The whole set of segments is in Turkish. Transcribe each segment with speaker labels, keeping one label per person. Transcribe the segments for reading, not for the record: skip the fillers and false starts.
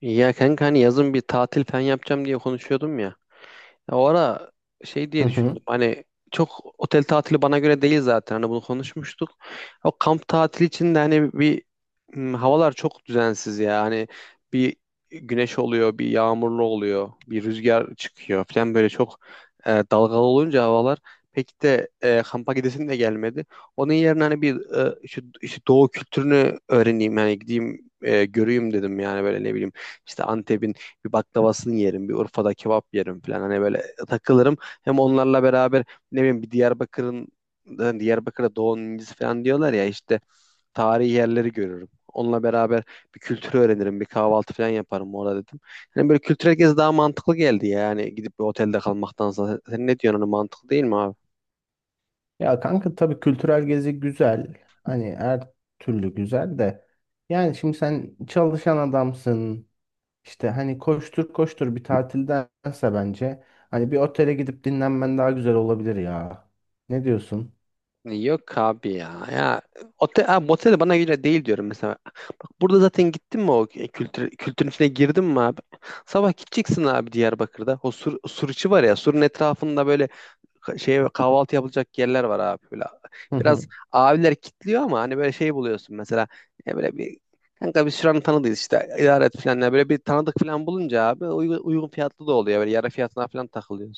Speaker 1: Ya kanka hani yazın bir tatil falan yapacağım diye konuşuyordum ya. Ya o ara şey
Speaker 2: Hı
Speaker 1: diye
Speaker 2: hı.
Speaker 1: düşündüm. Hani çok otel tatili bana göre değil zaten. Hani bunu konuşmuştuk. O kamp tatili için de hani havalar çok düzensiz ya. Hani bir güneş oluyor, bir yağmurlu oluyor, bir rüzgar çıkıyor falan böyle çok dalgalı olunca havalar pek de kampa gidesim de gelmedi. Onun yerine hani e, şu şu doğu kültürünü öğreneyim yani gideyim göreyim dedim yani böyle ne bileyim işte Antep'in bir baklavasını yerim, bir Urfa'da kebap yerim falan. Hani böyle takılırım. Hem onlarla beraber ne bileyim bir Diyarbakır'ın hani Diyarbakır'da Doğu'nun incisi falan diyorlar ya işte tarihi yerleri görürüm. Onunla beraber bir kültürü öğrenirim, bir kahvaltı falan yaparım orada dedim. Hani böyle kültürel gezi daha mantıklı geldi ya. Yani gidip bir otelde kalmaktansa. Sen ne diyorsun hani mantıklı değil mi abi?
Speaker 2: Ya kanka tabii kültürel gezi güzel. Hani her türlü güzel de. Yani şimdi sen çalışan adamsın. İşte hani koştur koştur bir tatildense bence hani bir otele gidip dinlenmen daha güzel olabilir ya. Ne diyorsun?
Speaker 1: Yok abi ya. Ya otel, abi, motel de bana göre değil diyorum mesela. Bak burada zaten gittin mi o kültürün içine girdin mi abi? Sabah gideceksin abi Diyarbakır'da. O sur içi var ya. Surun etrafında böyle kahvaltı yapılacak yerler var abi böyle.
Speaker 2: Hı
Speaker 1: Biraz
Speaker 2: hı.
Speaker 1: abiler kitliyor ama hani böyle şey buluyorsun mesela. Böyle bir kanka biz şuranın tanıdığız işte idare et falan. Yani böyle bir tanıdık falan bulunca abi uygun fiyatlı da oluyor. Böyle yarı fiyatına falan takılıyor.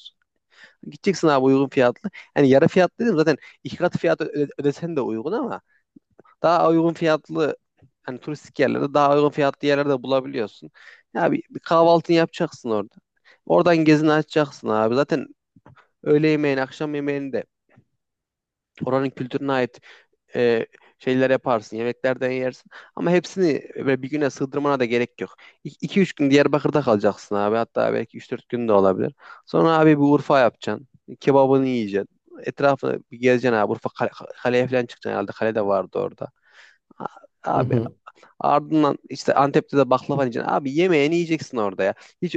Speaker 1: Gideceksin abi uygun fiyatlı. Yani yarı fiyatlı dedim zaten iki katı fiyat ödesen de uygun ama daha uygun fiyatlı hani turistik yerlerde daha uygun fiyatlı yerlerde bulabiliyorsun. Ya bir kahvaltını yapacaksın orada. Oradan gezini açacaksın abi. Zaten öğle yemeğini, akşam yemeğini de oranın kültürüne ait e, şeyler yaparsın, yemeklerden yersin. Ama hepsini böyle bir güne sığdırmana da gerek yok. 2 üç gün Diyarbakır'da kalacaksın abi. Hatta belki üç dört gün de olabilir. Sonra abi bir Urfa yapacaksın. Kebabını yiyeceksin. Etrafını bir gezeceksin abi. Urfa kaleye falan çıkacaksın herhalde. Kale de vardı orada. A-
Speaker 2: Hı
Speaker 1: Abi,
Speaker 2: hı.
Speaker 1: ardından işte Antep'te de baklava yiyeceksin. Abi yemeğini yiyeceksin orada ya. Hiç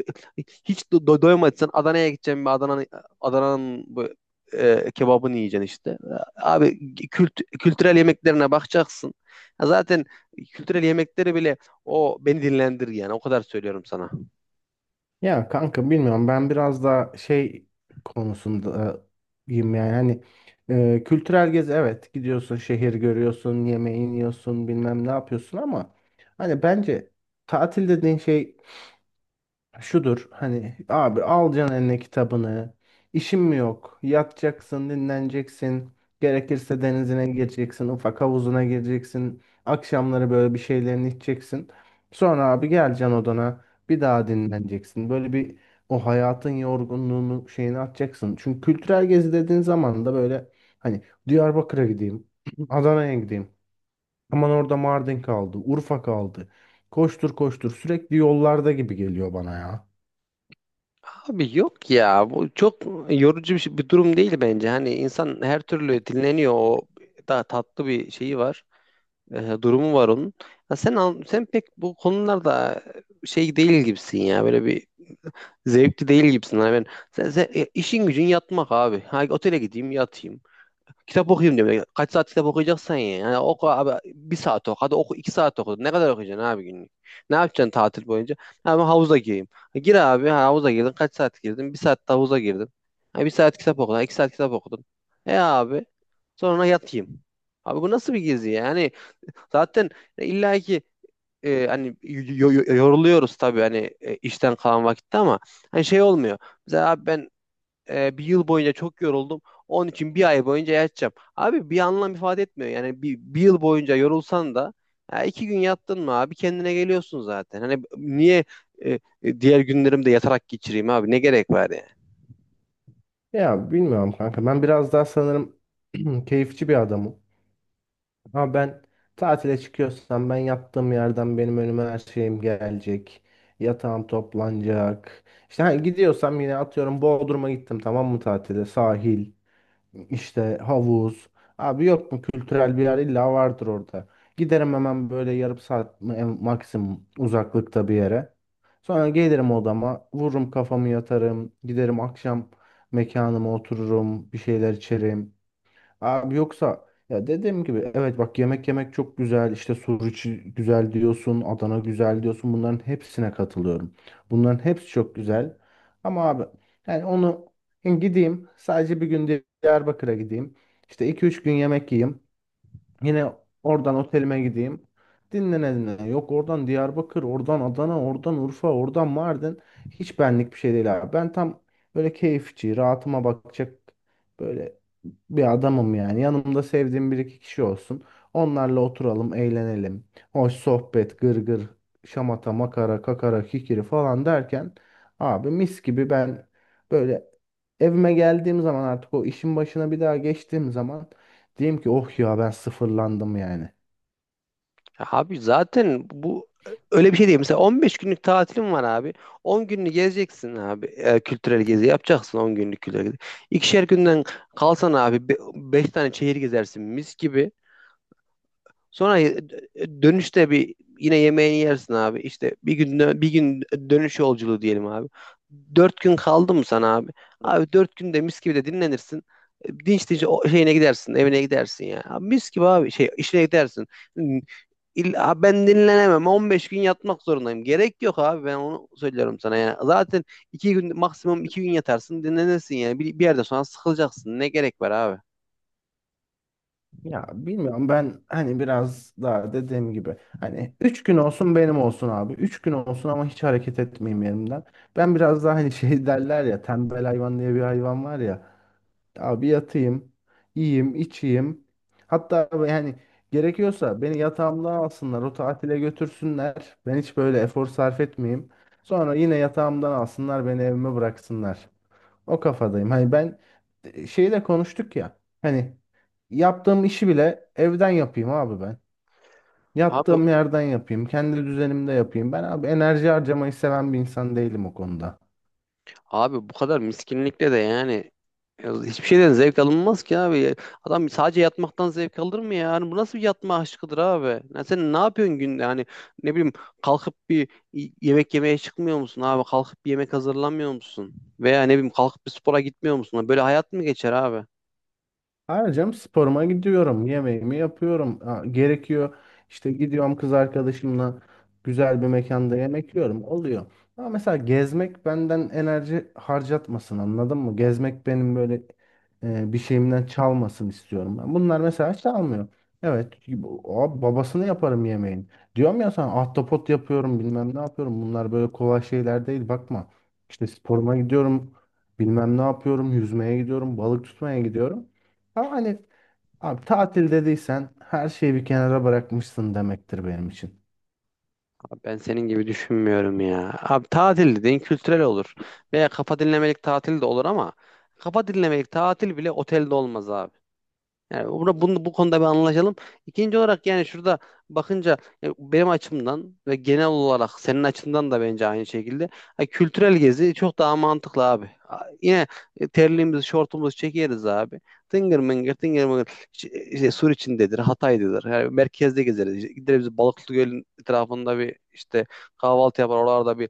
Speaker 1: hiç doymadıysan Adana'ya gideceksin bir Adana'nın bu kebabını yiyeceksin işte. Abi kültürel yemeklerine bakacaksın. Ya zaten kültürel yemekleri bile o beni dinlendir yani o kadar söylüyorum sana.
Speaker 2: Ya kanka bilmiyorum, ben biraz daha şey konusundayım, yani hani kültürel gezi, evet, gidiyorsun, şehir görüyorsun, yemeğini yiyorsun, bilmem ne yapıyorsun ama hani bence tatil dediğin şey şudur: hani abi alacaksın eline kitabını. İşin mi yok? Yatacaksın, dinleneceksin. Gerekirse denizine gireceksin, ufak havuzuna gireceksin. Akşamları böyle bir şeylerini içeceksin. Sonra abi geleceksin odana. Bir daha dinleneceksin. Böyle bir o hayatın yorgunluğunu şeyini atacaksın. Çünkü kültürel gezi dediğin zaman da böyle hani Diyarbakır'a gideyim, Adana'ya gideyim. Aman orada Mardin kaldı, Urfa kaldı. Koştur koştur sürekli yollarda gibi geliyor bana ya.
Speaker 1: Abi yok ya bu çok yorucu bir durum değil bence. Hani insan her türlü dinleniyor o daha tatlı bir şeyi var. Durumu var onun. Ya sen pek bu konularda şey değil gibisin ya. Böyle bir zevkli değil gibisin. Hani ben işin gücün yatmak abi. Ha, otele gideyim yatayım. Kitap okuyayım diyorum. Ya, kaç saat kitap okuyacaksan ya. Yani oku abi bir saat oku. Hadi oku iki saat oku. Ne kadar okuyacaksın abi günlük? Ne yapacaksın tatil boyunca? Ha, ben havuza gireyim. Ha, gir abi, ha, havuza girdin. Kaç saat girdin? Bir saat de havuza girdin. Ha, bir saat kitap okudun. Ha, iki saat kitap okudun. Abi sonra yatayım. Abi bu nasıl bir gezi yani? Zaten illa ki hani yoruluyoruz tabii hani işten kalan vakitte ama hani şey olmuyor. Mesela abi ben bir yıl boyunca çok yoruldum. Onun için bir ay boyunca yatacağım. Abi bir anlam ifade etmiyor. Yani bir yıl boyunca yorulsan da ya iki gün yattın mı abi kendine geliyorsun zaten. Hani niye diğer günlerimde yatarak geçireyim abi? Ne gerek var yani?
Speaker 2: Ya bilmiyorum kanka. Ben biraz daha sanırım keyifçi bir adamım. Ama ben tatile çıkıyorsam ben yattığım yerden benim önüme her şeyim gelecek. Yatağım toplanacak. İşte hani gidiyorsam, yine atıyorum, Bodrum'a gittim, tamam mı, tatile, sahil. İşte havuz. Abi yok mu kültürel bir yer? İlla vardır orada. Giderim hemen, böyle yarım saat mi- en maksimum uzaklıkta bir yere. Sonra gelirim odama, vururum kafamı, yatarım, giderim akşam mekanıma, otururum, bir şeyler içerim. Abi yoksa ya, dediğim gibi, evet, bak, yemek yemek çok güzel, işte Suriçi güzel diyorsun, Adana güzel diyorsun, bunların hepsine katılıyorum. Bunların hepsi çok güzel ama abi, yani onu, gideyim sadece bir gün Diyarbakır'a gideyim, işte iki üç gün yemek yiyeyim, yine oradan otelime gideyim. Dinlene dinlene. Yok oradan Diyarbakır, oradan Adana, oradan Urfa, oradan Mardin. Hiç benlik bir şey değil abi. Ben tam böyle keyifçi, rahatıma bakacak böyle bir adamım yani. Yanımda sevdiğim bir iki kişi olsun. Onlarla oturalım, eğlenelim. Hoş sohbet, gırgır, şamata, makara, kakara, kikiri falan derken abi mis gibi ben böyle evime geldiğim zaman, artık o işin başına bir daha geçtiğim zaman diyeyim ki oh ya, ben sıfırlandım yani.
Speaker 1: Ya abi zaten bu öyle bir şey değil. Mesela 15 günlük tatilim var abi. 10 gününü gezeceksin abi. Kültürel gezi yapacaksın 10 günlük kültürel gezi. İkişer günden kalsan abi 5 tane şehir gezersin mis gibi. Sonra dönüşte bir yine yemeğini yersin abi. İşte bir gün dönüş yolculuğu diyelim abi. 4 gün kaldı mı sana abi? Abi 4 günde mis gibi de dinlenirsin. Dinç dinç o şeyine gidersin, evine gidersin ya. Abi mis gibi abi şey işine gidersin. Ben dinlenemem. 15 gün yatmak zorundayım. Gerek yok abi. Ben onu söylüyorum sana yani. Zaten iki gün maksimum iki gün yatarsın dinlenirsin yani. Bir yerden sonra sıkılacaksın. Ne gerek var abi?
Speaker 2: Ya bilmiyorum, ben hani biraz daha dediğim gibi hani 3 gün olsun benim olsun abi. Üç gün olsun ama hiç hareket etmeyeyim yerimden. Ben biraz daha hani şey derler ya, tembel hayvan diye bir hayvan var ya. Abi yatayım, yiyeyim, içeyim. Hatta yani gerekiyorsa beni yatağımda alsınlar, o tatile götürsünler. Ben hiç böyle efor sarf etmeyeyim. Sonra yine yatağımdan alsınlar, beni evime bıraksınlar. O kafadayım. Hani ben şeyi de konuştuk ya. Hani yaptığım işi bile evden yapayım abi ben.
Speaker 1: Abi
Speaker 2: Yattığım yerden yapayım. Kendi düzenimde yapayım. Ben abi enerji harcamayı seven bir insan değilim o konuda.
Speaker 1: abi bu kadar miskinlikle de yani ya hiçbir şeyden zevk alınmaz ki abi. Adam sadece yatmaktan zevk alır mı ya? Yani bu nasıl bir yatma aşkıdır abi? Ya sen ne yapıyorsun günde? Hani ne bileyim kalkıp yemek yemeye çıkmıyor musun abi? Kalkıp bir yemek hazırlamıyor musun? Veya ne bileyim kalkıp bir spora gitmiyor musun? Böyle hayat mı geçer abi?
Speaker 2: Harcam sporuma gidiyorum. Yemeğimi yapıyorum. Ha, gerekiyor. İşte gidiyorum kız arkadaşımla güzel bir mekanda yemek yiyorum. Oluyor. Ama mesela gezmek benden enerji harcatmasın, anladın mı? Gezmek benim böyle bir şeyimden çalmasın istiyorum. Ben. Bunlar mesela çalmıyor. Evet, bu- o babasını yaparım yemeğin. Diyorum ya sana, ahtapot yapıyorum, bilmem ne yapıyorum. Bunlar böyle kolay şeyler değil, bakma. İşte sporuma gidiyorum. Bilmem ne yapıyorum. Yüzmeye gidiyorum. Balık tutmaya gidiyorum. Ama hani abi tatil dediysen her şeyi bir kenara bırakmışsın demektir benim için.
Speaker 1: Abi ben senin gibi düşünmüyorum ya. Abi tatil dediğin kültürel olur. Veya kafa dinlemelik tatil de olur ama kafa dinlemelik tatil bile otelde olmaz abi. Yani burada bunu bu konuda bir anlaşalım. İkinci olarak yani şurada bakınca benim açımdan ve genel olarak senin açından da bence aynı şekilde kültürel gezi çok daha mantıklı abi. Yine terliğimizi, şortumuzu çekeriz abi. Tıngır mıngır, tıngır mıngır. İşte, Suriçindedir, Hatay'dadır. Yani merkezde gezeriz. İşte gideriz Balıklı Göl'ün etrafında bir işte kahvaltı yapar. Oralarda bir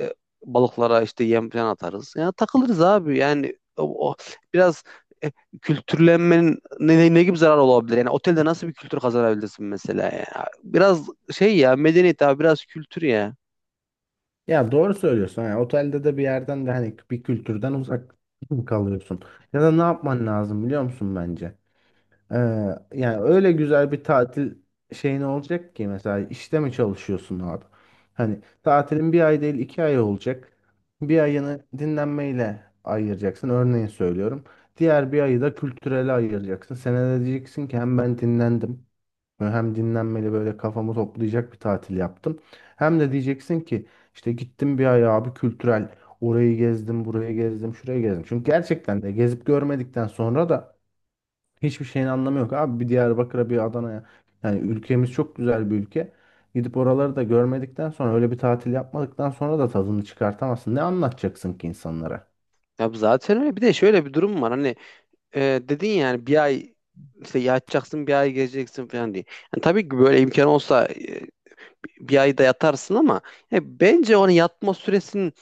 Speaker 1: e, balıklara işte yem falan atarız. Yani takılırız abi. Yani o biraz e, kültürlenmenin ne gibi zarar olabilir? Yani otelde nasıl bir kültür kazanabilirsin mesela ya? Biraz şey ya medeniyet abi biraz kültür ya.
Speaker 2: Ya doğru söylüyorsun. Yani otelde de bir yerden de hani bir kültürden uzak kalıyorsun. Ya da ne yapman lazım biliyor musun bence? Ee, yani öyle güzel bir tatil şeyin olacak ki, mesela işte mi çalışıyorsun abi? Hani tatilin bir ay değil, iki ay olacak. Bir ayını dinlenmeyle ayıracaksın. Örneğin söylüyorum. Diğer bir ayı da kültürele ayıracaksın. Sen de diyeceksin ki hem ben dinlendim. Böyle hem dinlenmeli böyle kafamı toplayacak bir tatil yaptım. Hem de diyeceksin ki işte gittim bir ay abi kültürel. Orayı gezdim, burayı gezdim, şurayı gezdim. Çünkü gerçekten de gezip görmedikten sonra da hiçbir şeyin anlamı yok. Abi bir Diyarbakır'a, bir Adana'ya. Yani ülkemiz çok güzel bir ülke. Gidip oraları da görmedikten sonra, öyle bir tatil yapmadıktan sonra da tadını çıkartamazsın. Ne anlatacaksın ki insanlara?
Speaker 1: Ya zaten öyle. Bir de şöyle bir durum var. Hani dedin yani bir ay işte yatacaksın bir ay gezeceksin falan diye. Yani tabii ki böyle imkan olsa bir ayda yatarsın ama bence onun yatma süresinin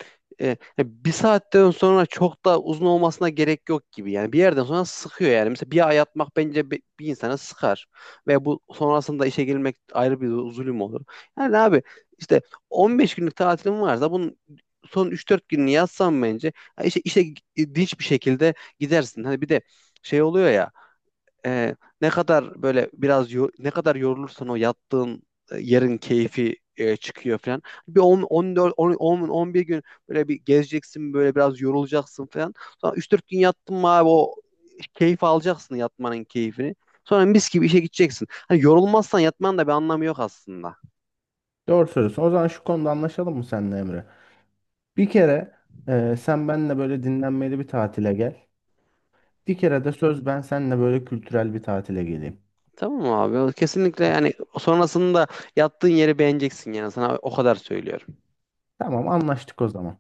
Speaker 1: e, bir saatten sonra çok da uzun olmasına gerek yok gibi. Yani bir yerden sonra sıkıyor yani. Mesela bir ay yatmak bence bir, insana sıkar. Ve bu sonrasında işe gelmek ayrı bir zulüm olur. Yani abi işte 15 günlük tatilim varsa bunun son üç dört gününü yatsam bence ya işe dinç bir şekilde gidersin. Hani bir de şey oluyor ya e, ne kadar böyle biraz ne kadar yorulursan o yattığın yerin keyfi çıkıyor falan. Bir 10 14 10 10 11 gün böyle bir gezeceksin böyle biraz yorulacaksın falan. Sonra 3-4 gün yattın mı abi o keyif alacaksın yatmanın keyfini. Sonra mis gibi işe gideceksin. Hani yorulmazsan yatmanın da bir anlamı yok aslında.
Speaker 2: Doğru söylüyorsun. O zaman şu konuda anlaşalım mı seninle Emre? Bir kere sen benimle böyle dinlenmeli bir tatile gel. Bir kere de söz, ben seninle böyle kültürel bir tatile geleyim.
Speaker 1: Tamam mı abi? Kesinlikle yani sonrasında yattığın yeri beğeneceksin yani sana o kadar söylüyorum.
Speaker 2: Tamam, anlaştık o zaman.